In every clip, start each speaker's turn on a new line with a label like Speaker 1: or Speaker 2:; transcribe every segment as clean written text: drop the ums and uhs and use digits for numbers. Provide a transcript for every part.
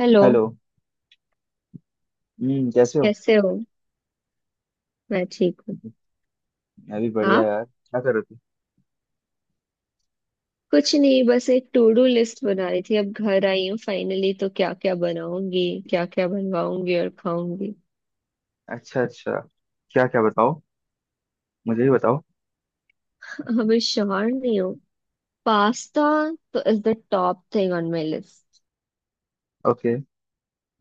Speaker 1: Hello.
Speaker 2: Hello. कैसे हो?
Speaker 1: कैसे हो? मैं ठीक हूँ।
Speaker 2: मैं भी बढ़िया
Speaker 1: आप?
Speaker 2: यार, क्या कर रहे थे?
Speaker 1: कुछ नहीं, बस एक टू डू लिस्ट बना रही थी, अब घर आई हूँ फाइनली, तो क्या क्या बनाऊंगी, क्या क्या बनवाऊंगी और खाऊंगी।
Speaker 2: अच्छा अच्छा। क्या क्या बताओ, मुझे भी बताओ।
Speaker 1: हमें श्योर नहीं हो। पास्ता तो is the top thing on my list.
Speaker 2: Okay.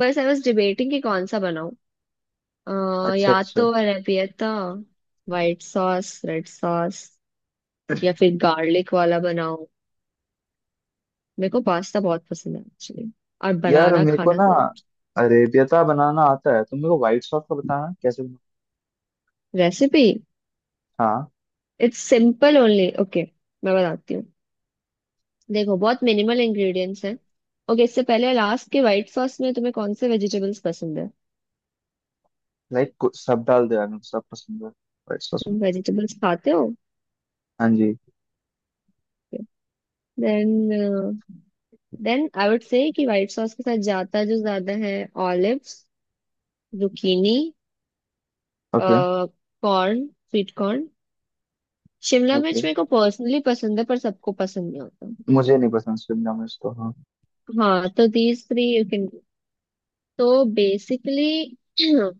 Speaker 1: बस आई वॉज डिबेटिंग कि कौन सा बनाऊं।
Speaker 2: अच्छा
Speaker 1: या
Speaker 2: अच्छा।
Speaker 1: तो arrabbiata, white sauce, red sauce, या फिर गार्लिक वाला बनाऊं। मेरे को पास्ता बहुत पसंद है एक्चुअली, और
Speaker 2: यार,
Speaker 1: बनाना
Speaker 2: मेरे को
Speaker 1: खाना
Speaker 2: ना
Speaker 1: दोनों।
Speaker 2: अरेबियता बनाना आता है। तुम मेरे को व्हाइट सॉस का बताना, कैसे बना?
Speaker 1: रेसिपी?
Speaker 2: हाँ।
Speaker 1: It's simple only. ओके मैं बताती हूँ। देखो, बहुत मिनिमल इंग्रेडिएंट्स हैं। ओके, इससे पहले लास्ट के व्हाइट सॉस में तुम्हें कौन से वेजिटेबल्स पसंद है?
Speaker 2: लाइक कुछ सब डाल दो यार, मेरे को सब पसंद है व्हाइट सॉस में।
Speaker 1: तुम वेजिटेबल्स खाते हो?
Speaker 2: हाँ जी।
Speaker 1: Then then I would say कि व्हाइट सॉस के साथ जाता जो ज्यादा है, olives, zucchini,
Speaker 2: okay
Speaker 1: corn, sweet corn, शिमला
Speaker 2: ओके।
Speaker 1: मिर्च मेरे को पर्सनली पसंद है पर सबको पसंद नहीं होता।
Speaker 2: मुझे नहीं पसंद शिमला मिर्च, तो हाँ।
Speaker 1: हाँ तो दीज थ्री यू कैन। तो बेसिकली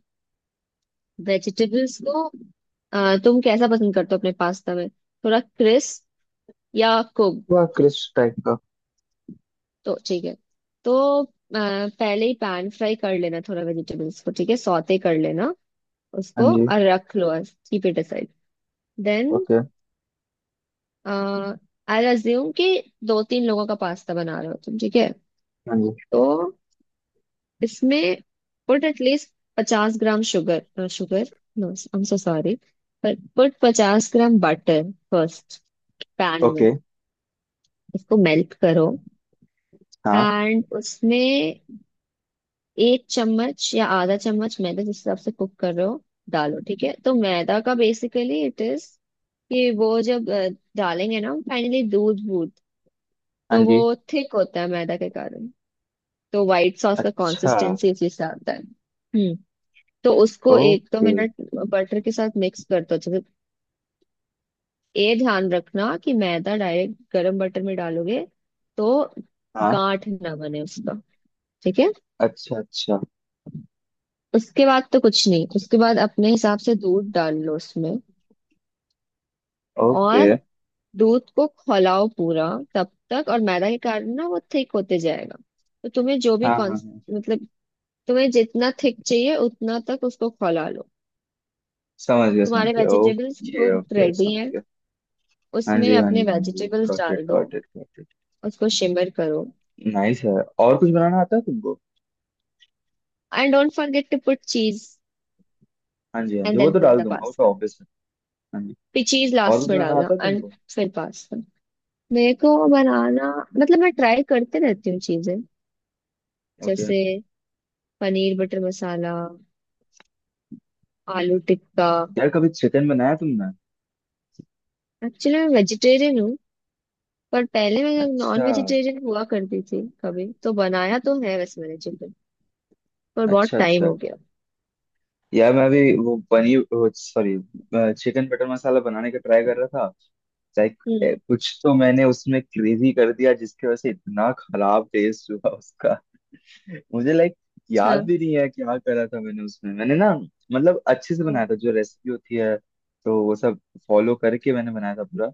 Speaker 1: वेजिटेबल्स को, तुम कैसा पसंद करते हो अपने पास्ता में? थोड़ा क्रिस्प या कुक?
Speaker 2: वह क्रिस्प टाइप का।
Speaker 1: तो ठीक है, तो अ, पहले ही पैन फ्राई कर लेना थोड़ा वेजिटेबल्स को, ठीक है, सौते कर लेना
Speaker 2: हाँ
Speaker 1: उसको
Speaker 2: जी।
Speaker 1: और रख लो। Keep it aside. Then
Speaker 2: okay.
Speaker 1: I assume कि दो तीन लोगों का पास्ता बना रहे हो तुम, ठीक है?
Speaker 2: हाँ जी।
Speaker 1: तो इसमें put at least 50 gram sugar sugar, no I am so sorry, पर पुट 50 ग्राम बटर फर्स्ट पैन में।
Speaker 2: ओके।
Speaker 1: इसको मेल्ट करो,
Speaker 2: हाँ,
Speaker 1: एंड उसमें एक चम्मच या आधा चम्मच मैदा, जिस हिसाब से कुक कर रहे हो, डालो। ठीक है, तो मैदा का बेसिकली इट इज कि वो जब डालेंगे ना फाइनली दूध वूध,
Speaker 2: हाँ
Speaker 1: तो वो
Speaker 2: जी।
Speaker 1: थिक होता है मैदा के कारण। तो व्हाइट सॉस का
Speaker 2: अच्छा।
Speaker 1: कंसिस्टेंसी उसी से आता है। हम्म। तो उसको एक दो
Speaker 2: ओके।
Speaker 1: मिनट बटर के साथ मिक्स कर दो अच्छे से। ये ध्यान रखना कि मैदा डायरेक्ट गरम बटर में डालोगे तो
Speaker 2: हाँ।
Speaker 1: गांठ ना बने उसका, ठीक है?
Speaker 2: अच्छा अच्छा।
Speaker 1: उसके बाद तो कुछ नहीं, उसके बाद अपने हिसाब से दूध डाल लो उसमें,
Speaker 2: ओके।
Speaker 1: और दूध को खौलाओ पूरा तब तक, और मैदा के कारण ना वो थिक होते जाएगा। तो तुम्हें जो भी
Speaker 2: हाँ हाँ
Speaker 1: कौन,
Speaker 2: हाँ,
Speaker 1: मतलब तुम्हें जितना थिक चाहिए उतना तक उसको खौला लो।
Speaker 2: समझ गया समझ
Speaker 1: तुम्हारे
Speaker 2: गया,
Speaker 1: vegetables
Speaker 2: okay
Speaker 1: cook
Speaker 2: okay,
Speaker 1: ready
Speaker 2: समझ
Speaker 1: हैं,
Speaker 2: गया। हाँ
Speaker 1: उसमें
Speaker 2: जी हाँ जी
Speaker 1: अपने
Speaker 2: हाँ जी,
Speaker 1: वेजिटेबल्स
Speaker 2: गॉट इट
Speaker 1: डाल दो।
Speaker 2: Got it got it.
Speaker 1: उसको शिमर करो।
Speaker 2: नाइस है। और कुछ बनाना आता है तुमको?
Speaker 1: And don't forget to put cheese.
Speaker 2: हाँ जी हाँ जी,
Speaker 1: एंड
Speaker 2: वो
Speaker 1: देन
Speaker 2: तो
Speaker 1: पुट
Speaker 2: डाल
Speaker 1: द
Speaker 2: दूंगा, वो तो
Speaker 1: पास्ता।
Speaker 2: ऑब्वियस है। हाँ जी।
Speaker 1: फिर चीज
Speaker 2: और
Speaker 1: लास्ट
Speaker 2: कुछ
Speaker 1: में
Speaker 2: बनाना
Speaker 1: डालना,
Speaker 2: आता है
Speaker 1: एंड
Speaker 2: तुमको?
Speaker 1: फिर पास्ता। मेरे को बनाना, मतलब मैं ट्राई करते रहती हूँ चीजें,
Speaker 2: ओके।
Speaker 1: जैसे पनीर बटर मसाला, आलू टिक्का।
Speaker 2: यार, कभी चिकन बनाया तुमने?
Speaker 1: एक्चुअली मैं वेजिटेरियन हूँ, पर पहले मैं
Speaker 2: अच्छा।
Speaker 1: नॉन वेजिटेरियन हुआ करती थी, कभी तो बनाया तो है वैसे मैंने चिकन, पर बहुत
Speaker 2: अच्छा
Speaker 1: टाइम
Speaker 2: अच्छा।
Speaker 1: हो गया।
Speaker 2: यार मैं अभी वो paneer, sorry, chicken butter masala बनाने का ट्राई कर रहा था। लाइक
Speaker 1: हम्म।
Speaker 2: कुछ तो मैंने उसमें क्रेजी कर दिया, जिसकी वजह से इतना खराब टेस्ट हुआ उसका। मुझे लाइक
Speaker 1: अच्छा।
Speaker 2: याद भी नहीं है क्या करा था मैंने उसमें। मैंने ना मतलब अच्छे से
Speaker 1: हाँ,
Speaker 2: बनाया था, जो रेसिपी होती है, तो वो सब फॉलो करके मैंने बनाया था पूरा।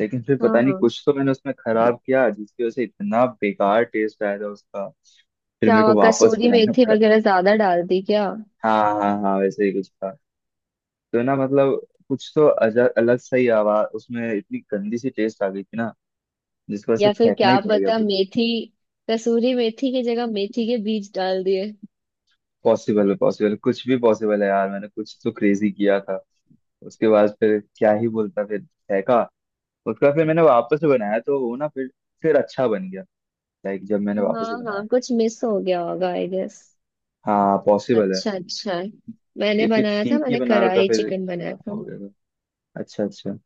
Speaker 2: लेकिन फिर
Speaker 1: हाँ,
Speaker 2: पता नहीं
Speaker 1: हाँ।
Speaker 2: कुछ तो मैंने उसमें खराब किया जिसकी वजह से इतना बेकार टेस्ट आया था उसका। फिर
Speaker 1: क्या
Speaker 2: मेरे
Speaker 1: हुआ,
Speaker 2: को वापस
Speaker 1: कसूरी
Speaker 2: बनाना
Speaker 1: मेथी
Speaker 2: पड़ा।
Speaker 1: वगैरह ज्यादा डाल दी क्या?
Speaker 2: हाँ हाँ हाँ, वैसे ही कुछ था। तो ना मतलब कुछ तो अलग सा ही आवाज उसमें, इतनी गंदी सी टेस्ट आ गई थी ना, जिसकी वजह से
Speaker 1: या फिर
Speaker 2: फेंकना
Speaker 1: क्या
Speaker 2: ही पड़ गया
Speaker 1: पता,
Speaker 2: पूरा।
Speaker 1: मेथी, कसूरी मेथी की जगह मेथी के बीज डाल दिए।
Speaker 2: पॉसिबल है, पॉसिबल, कुछ भी पॉसिबल है यार। मैंने कुछ तो क्रेजी किया था उसके बाद, फिर क्या ही बोलता। फिर फेंका उसका। फिर मैंने वापस से बनाया, तो वो ना, फिर अच्छा बन गया। लाइक जब मैंने
Speaker 1: हाँ
Speaker 2: वापस से बनाया।
Speaker 1: हाँ, कुछ मिस हो गया होगा आई गेस।
Speaker 2: हाँ पॉसिबल है।
Speaker 1: अच्छा अच्छा। मैंने
Speaker 2: क्योंकि
Speaker 1: बनाया था,
Speaker 2: ठीक ही
Speaker 1: मैंने
Speaker 2: बना रहा था
Speaker 1: कढ़ाई
Speaker 2: फिर,
Speaker 1: चिकन बनाया था।
Speaker 2: हो गया था। अच्छा अच्छा।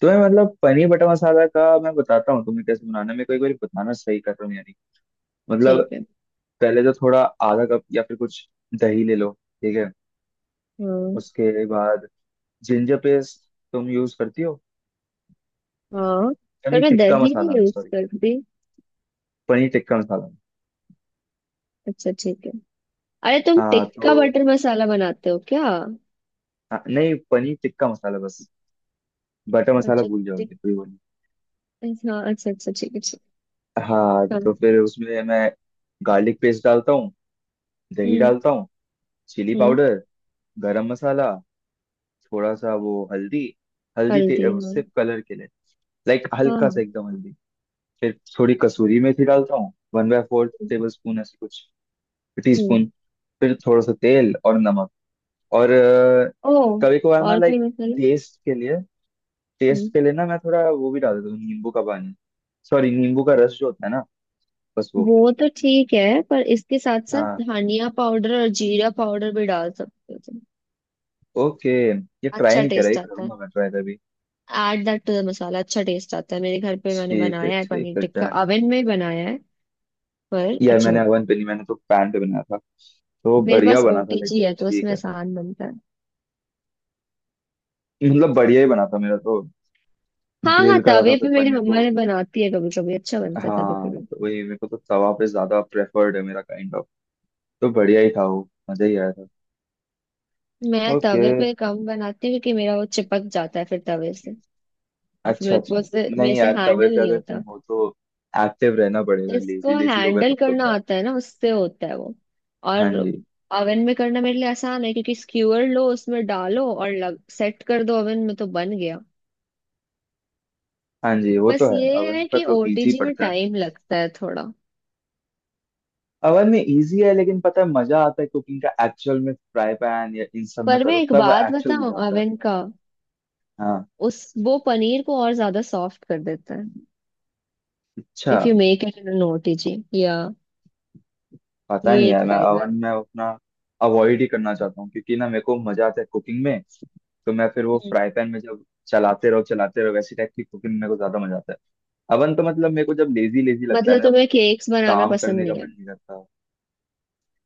Speaker 2: तो मैं मतलब पनीर बटर मसाला का मैं बताता हूँ तुम्हें कैसे बनाना है। मेरे को एक बार बताना सही कर रहा हूँ यानी मतलब।
Speaker 1: ठीक है।
Speaker 2: पहले तो थोड़ा आधा कप या फिर कुछ दही ले लो, ठीक है?
Speaker 1: हाँ,
Speaker 2: उसके बाद जिंजर पेस्ट तुम यूज करती हो
Speaker 1: हाँ। पर
Speaker 2: पनीर
Speaker 1: मैं
Speaker 2: टिक्का
Speaker 1: दही
Speaker 2: मसाला
Speaker 1: नहीं
Speaker 2: में?
Speaker 1: यूज
Speaker 2: सॉरी,
Speaker 1: करती।
Speaker 2: पनीर टिक्का मसाला में।
Speaker 1: अच्छा ठीक है। अरे, तुम
Speaker 2: हाँ तो।
Speaker 1: टिक्का बटर मसाला बनाते हो क्या?
Speaker 2: हाँ, नहीं पनीर टिक्का मसाला बस, बटर मसाला
Speaker 1: अच्छा।
Speaker 2: भूल
Speaker 1: टिक।
Speaker 2: जाओगे, कोई वो नहीं।
Speaker 1: हाँ, अच्छा अच्छा, ठीक है, ठीक
Speaker 2: हाँ,
Speaker 1: है। हाँ।
Speaker 2: तो फिर उसमें मैं गार्लिक पेस्ट डालता हूँ, दही
Speaker 1: हम्म।
Speaker 2: डालता हूँ, चिली
Speaker 1: हम्म।
Speaker 2: पाउडर, गरम मसाला, थोड़ा सा वो हल्दी। हल्दी
Speaker 1: हल्दी, हाँ।
Speaker 2: सिर्फ कलर के लिए, लाइक
Speaker 1: हाँ,
Speaker 2: हल्का सा
Speaker 1: हाँ।
Speaker 2: एकदम हल्दी। फिर थोड़ी कसूरी मेथी डालता हूँ, वन बाय फोर
Speaker 1: हम्म।
Speaker 2: टेबल स्पून ऐसे कुछ, टी
Speaker 1: हम्म।
Speaker 2: स्पून। फिर थोड़ा सा तेल और नमक, और
Speaker 1: ओ,
Speaker 2: कभी कभार ना
Speaker 1: और कोई
Speaker 2: लाइक
Speaker 1: मसाला?
Speaker 2: टेस्ट के लिए,
Speaker 1: हम्म।
Speaker 2: टेस्ट के लिए ना मैं थोड़ा वो भी डाल देता हूँ, नींबू का पानी, सॉरी, नींबू का रस जो होता है ना, बस वो।
Speaker 1: वो तो ठीक है, पर इसके साथ साथ
Speaker 2: हाँ।
Speaker 1: धनिया पाउडर और जीरा पाउडर भी डाल सकते हो तुम।
Speaker 2: ओके। ये ट्राई
Speaker 1: अच्छा
Speaker 2: नहीं करा, ये
Speaker 1: टेस्ट आता है।
Speaker 2: करूंगा मैं ट्राई कभी।
Speaker 1: Add that to the masala, अच्छा टेस्ट आता है। मेरे घर पे मैंने
Speaker 2: ठीक है
Speaker 1: बनाया है
Speaker 2: ठीक
Speaker 1: पनीर
Speaker 2: है,
Speaker 1: टिक्का,
Speaker 2: डन है।
Speaker 1: ओवन में ही बनाया है, पर
Speaker 2: यार
Speaker 1: अच्छा
Speaker 2: मैंने
Speaker 1: बनता
Speaker 2: ओवन
Speaker 1: है।
Speaker 2: पे नहीं, मैंने तो पैन पे बनाया था, तो
Speaker 1: मेरे
Speaker 2: बढ़िया
Speaker 1: पास
Speaker 2: बना था, लेकिन
Speaker 1: ओटीजी है, तो
Speaker 2: ठीक
Speaker 1: उसमें
Speaker 2: है।
Speaker 1: आसान बनता है।
Speaker 2: मतलब बढ़िया ही बना था मेरा तो।
Speaker 1: हाँ हाँ,
Speaker 2: ग्रिल करा था
Speaker 1: तवे
Speaker 2: फिर
Speaker 1: पे मेरी
Speaker 2: पनीर
Speaker 1: मम्मा
Speaker 2: को।
Speaker 1: ने बनाती है कभी कभी, अच्छा बनता है तवे पे
Speaker 2: हाँ,
Speaker 1: भी।
Speaker 2: तो वही मेरे को तो तवा पे ज्यादा प्रेफर्ड है, मेरा काइंड ऑफ। तो बढ़िया ही था वो, मजा ही आया था।
Speaker 1: मैं
Speaker 2: ओके।
Speaker 1: तवे पे कम बनाती हूँ क्योंकि मेरा वो चिपक जाता है फिर तवे से, और फिर
Speaker 2: अच्छा
Speaker 1: मेरे को
Speaker 2: अच्छा।
Speaker 1: उससे मेरे
Speaker 2: नहीं
Speaker 1: से
Speaker 2: यार, तवे
Speaker 1: हैंडल
Speaker 2: पे
Speaker 1: नहीं
Speaker 2: अगर तुम
Speaker 1: होता।
Speaker 2: हो तो एक्टिव रहना पड़ेगा, लेजी
Speaker 1: जिसको
Speaker 2: लेजी होगा
Speaker 1: हैंडल
Speaker 2: तब तो
Speaker 1: करना
Speaker 2: गया।
Speaker 1: आता है ना, उससे होता है वो।
Speaker 2: हाँ
Speaker 1: और
Speaker 2: जी
Speaker 1: ओवन में करना मेरे लिए आसान है, क्योंकि स्क्यूअर लो उसमें डालो और लग सेट कर दो ओवन में, तो बन गया।
Speaker 2: हाँ जी, वो
Speaker 1: बस
Speaker 2: तो है,
Speaker 1: ये
Speaker 2: अवन
Speaker 1: है
Speaker 2: का
Speaker 1: कि
Speaker 2: तो इजी
Speaker 1: ओटीजी में
Speaker 2: पड़ता है।
Speaker 1: टाइम लगता है थोड़ा।
Speaker 2: अवन में इजी है, लेकिन पता है, मजा आता है कुकिंग का एक्चुअल में, फ्राई पैन या इन सब में
Speaker 1: पर मैं
Speaker 2: करो
Speaker 1: एक
Speaker 2: तब
Speaker 1: बात
Speaker 2: एक्चुअल
Speaker 1: बताऊं,
Speaker 2: मजा आता है।
Speaker 1: ओवन का,
Speaker 2: हाँ।
Speaker 1: उस वो पनीर को और ज्यादा सॉफ्ट कर देता है
Speaker 2: अच्छा।
Speaker 1: If you make it in OTG या,
Speaker 2: पता नहीं
Speaker 1: ये एक
Speaker 2: यार, मैं
Speaker 1: फायदा है।
Speaker 2: अवन में अपना अवॉइड ही करना चाहता हूँ, क्योंकि ना मेरे को मजा आता है कुकिंग में। तो मैं फिर वो
Speaker 1: हम्म।
Speaker 2: फ्राई पैन में जब चलाते रहो चलाते रहो, वैसी टाइप की कुकिंग मेरे को ज्यादा मजा आता है। अवन तो मतलब मेरे को जब लेजी लेजी लगता है
Speaker 1: मतलब
Speaker 2: ना,
Speaker 1: तुम्हें केक्स बनाना
Speaker 2: काम
Speaker 1: पसंद
Speaker 2: करने
Speaker 1: नहीं
Speaker 2: का
Speaker 1: है?
Speaker 2: मन नहीं करता।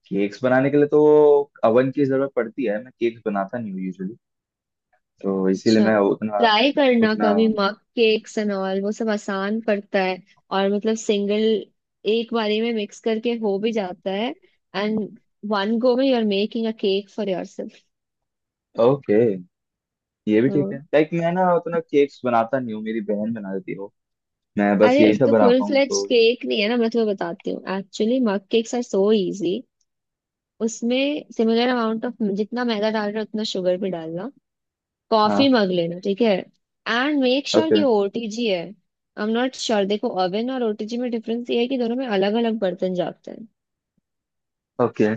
Speaker 2: केक्स बनाने के लिए तो अवन की जरूरत पड़ती है, मैं केक्स बनाता नहीं हूँ यूजुअली, तो इसीलिए
Speaker 1: अच्छा।
Speaker 2: मैं उतना
Speaker 1: ट्राई करना
Speaker 2: उतना
Speaker 1: कभी मग केक्स एंड ऑल, वो सब आसान पड़ता है, और मतलब सिंगल, एक बारी में मिक्स करके हो भी जाता है, एंड वन गो में you are making a cake for yourself.
Speaker 2: Okay. ये भी ठीक है, लाइक मैं ना उतना केक्स बनाता नहीं हूँ, मेरी बहन बना देती हो, मैं बस
Speaker 1: अरे,
Speaker 2: यही सब
Speaker 1: तो फुल
Speaker 2: बनाता हूँ
Speaker 1: फ्लेज
Speaker 2: तो।
Speaker 1: केक नहीं है ना, मैं तुम्हें बताती हूँ, actually mug cakes are so easy. उसमें सिमिलर अमाउंट ऑफ, जितना मैदा डाल रहे हो उतना शुगर भी डालना। कॉफी
Speaker 2: हाँ।
Speaker 1: मग लेना, ठीक है? एंड मेक श्योर
Speaker 2: ओके
Speaker 1: कि ओटीजी है, आई एम नॉट श्योर। देखो, ओवन और ओटीजी में डिफरेंस ये है कि दोनों में अलग अलग बर्तन जाते हैं।
Speaker 2: ओके।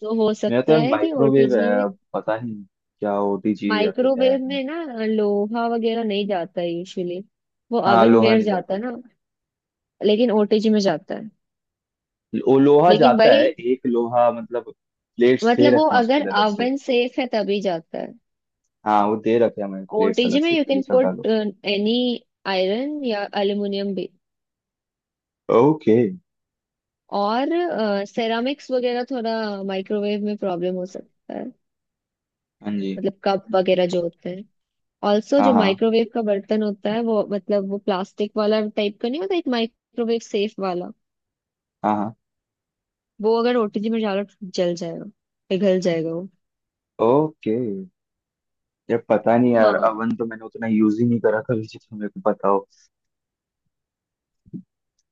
Speaker 1: तो हो
Speaker 2: मेरा
Speaker 1: सकता
Speaker 2: तो
Speaker 1: है कि
Speaker 2: माइक्रोवेव है,
Speaker 1: ओटीजी में,
Speaker 2: अब पता नहीं क्या ओटीजी या फिर है।
Speaker 1: माइक्रोवेव में ना लोहा वगैरह नहीं जाता है यूजुअली, वो
Speaker 2: हाँ,
Speaker 1: ओवन
Speaker 2: लोहा
Speaker 1: वेयर
Speaker 2: नहीं
Speaker 1: जाता
Speaker 2: जाता।
Speaker 1: है ना, लेकिन ओटीजी में जाता है।
Speaker 2: वो लोहा
Speaker 1: लेकिन
Speaker 2: जाता
Speaker 1: भाई,
Speaker 2: है, एक लोहा मतलब, प्लेट्स दे
Speaker 1: मतलब वो
Speaker 2: रखे हैं उसके
Speaker 1: अगर
Speaker 2: लिए अलग से।
Speaker 1: ओवन सेफ है तभी जाता है।
Speaker 2: हाँ वो दे रखे हैं मैंने, प्लेट्स अलग
Speaker 1: OTG में
Speaker 2: से
Speaker 1: you
Speaker 2: कि ये
Speaker 1: can
Speaker 2: सब
Speaker 1: put
Speaker 2: डालो।
Speaker 1: any iron या aluminium भी,
Speaker 2: ओके।
Speaker 1: और सेरामिक्स वगैरह थोड़ा, माइक्रोवेव में प्रॉब्लम हो सकता है,
Speaker 2: हाँ जी।
Speaker 1: मतलब कप वगैरह जो होते हैं। ऑल्सो
Speaker 2: हाँ
Speaker 1: जो
Speaker 2: हाँ।
Speaker 1: माइक्रोवेव का बर्तन होता है, वो मतलब वो प्लास्टिक वाला टाइप का नहीं होता, एक माइक्रोवेव सेफ वाला,
Speaker 2: हाँ हाँ।
Speaker 1: वो अगर ओटीजी में डालो तो जल जाएगा, पिघल जाएगा वो।
Speaker 2: ओके। यार पता नहीं यार,
Speaker 1: हाँ।
Speaker 2: अवन तो मैंने उतना यूज ही नहीं करा कभी जितना मेरे को पता हो।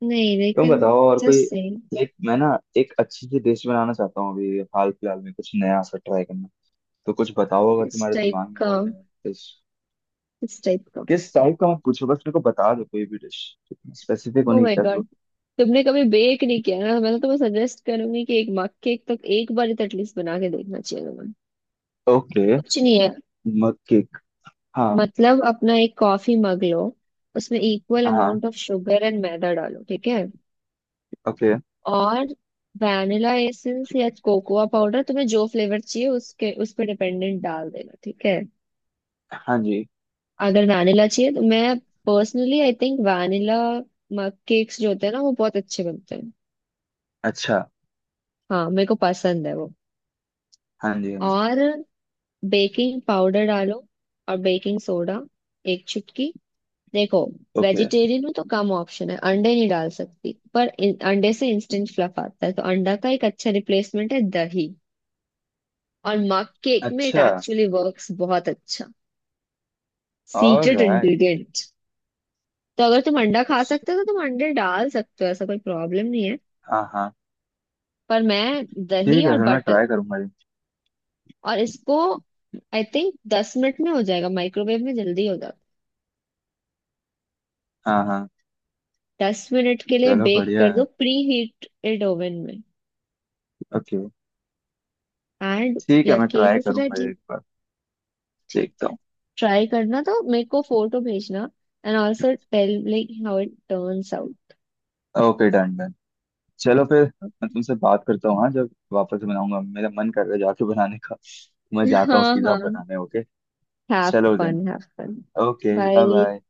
Speaker 1: नहीं
Speaker 2: तुम
Speaker 1: लेकिन
Speaker 2: बताओ और
Speaker 1: जस्ट
Speaker 2: कोई।
Speaker 1: सेम।
Speaker 2: लाइक मैं ना एक अच्छी सी डिश बनाना चाहता हूँ अभी हाल फिलहाल में, कुछ नया सा ट्राई करना। तो कुछ बताओ अगर
Speaker 1: इस
Speaker 2: तुम्हारे
Speaker 1: टाइप
Speaker 2: दिमाग में
Speaker 1: का,
Speaker 2: हो नया डिश।
Speaker 1: इस टाइप का।
Speaker 2: किस टाइप का मत पूछो, बस मेरे को बता दो कोई भी डिश, स्पेसिफिक
Speaker 1: ओ
Speaker 2: होने की
Speaker 1: माय
Speaker 2: क्या
Speaker 1: गॉड,
Speaker 2: जरूरत।
Speaker 1: तुमने कभी बेक नहीं किया ना? मैं तो तुम्हें सजेस्ट करूंगी कि एक मग केक तो एक बार तो एटलीस्ट बना के देखना चाहिए तुम्हें।
Speaker 2: ओके।
Speaker 1: कुछ नहीं है,
Speaker 2: मग केक। हाँ।
Speaker 1: मतलब अपना एक कॉफी मग लो, उसमें इक्वल
Speaker 2: हाँ।
Speaker 1: अमाउंट ऑफ शुगर एंड मैदा डालो, ठीक है?
Speaker 2: ओके।
Speaker 1: और वैनिला एसेंस या कोकोआ पाउडर, तुम्हें जो फ्लेवर चाहिए उसके उस पर डिपेंडेंट डाल देना, ठीक है?
Speaker 2: हाँ जी।
Speaker 1: अगर वैनिला चाहिए तो, मैं personally I think vanilla mug cakes जो होते हैं ना वो बहुत अच्छे बनते हैं।
Speaker 2: अच्छा।
Speaker 1: हाँ, मेरे को पसंद है वो।
Speaker 2: हाँ जी हाँ जी।
Speaker 1: और बेकिंग पाउडर डालो, और बेकिंग सोडा एक चुटकी। देखो,
Speaker 2: ओके।
Speaker 1: वेजिटेरियन में तो कम ऑप्शन है, अंडे नहीं डाल सकती, पर अंडे से इंस्टेंट फ्लफ आता है, तो अंडा का एक अच्छा रिप्लेसमेंट है दही, और मग केक में इट
Speaker 2: अच्छा।
Speaker 1: एक्चुअली वर्क्स बहुत अच्छा। Secret
Speaker 2: alright.
Speaker 1: इंग्रेडिएंट। तो अगर तुम अंडा खा सकते हो तो तुम अंडे डाल सकते हो, ऐसा कोई प्रॉब्लम नहीं है,
Speaker 2: हाँ हाँ।
Speaker 1: पर मैं दही
Speaker 2: ठीक है,
Speaker 1: और
Speaker 2: फिर मैं
Speaker 1: बटर।
Speaker 2: ट्राई करूंगा ये
Speaker 1: और इसको
Speaker 2: चीज़।
Speaker 1: आई थिंक 10 मिनट में हो जाएगा, माइक्रोवेव में जल्दी हो जाएगा।
Speaker 2: हाँ हाँ।
Speaker 1: 10 मिनट के लिए
Speaker 2: चलो
Speaker 1: बेक
Speaker 2: बढ़िया
Speaker 1: कर
Speaker 2: है।
Speaker 1: दो प्री हीटेड ओवन में,
Speaker 2: ओके।
Speaker 1: एंड
Speaker 2: ठीक है,
Speaker 1: या
Speaker 2: मैं
Speaker 1: केक
Speaker 2: ट्राई
Speaker 1: इज
Speaker 2: करूंगा ये
Speaker 1: रेडी,
Speaker 2: एक बार।
Speaker 1: ठीक
Speaker 2: देखता
Speaker 1: है?
Speaker 2: हूँ।
Speaker 1: ट्राई करना तो मेरे को फोटो भेजना, and also tell like how it turns out.
Speaker 2: Okay, done done. चलो फिर, मैं तुमसे बात करता हूँ हाँ, जब वापस बनाऊंगा। मेरा मन कर रहा है जाके बनाने का। मैं जाता हूँ
Speaker 1: हाँ,
Speaker 2: सीधा
Speaker 1: हाँ।
Speaker 2: बनाने, ओके।
Speaker 1: हैव
Speaker 2: चलो then.
Speaker 1: Fun, have fun.
Speaker 2: Okay, bye
Speaker 1: bye.
Speaker 2: Bye.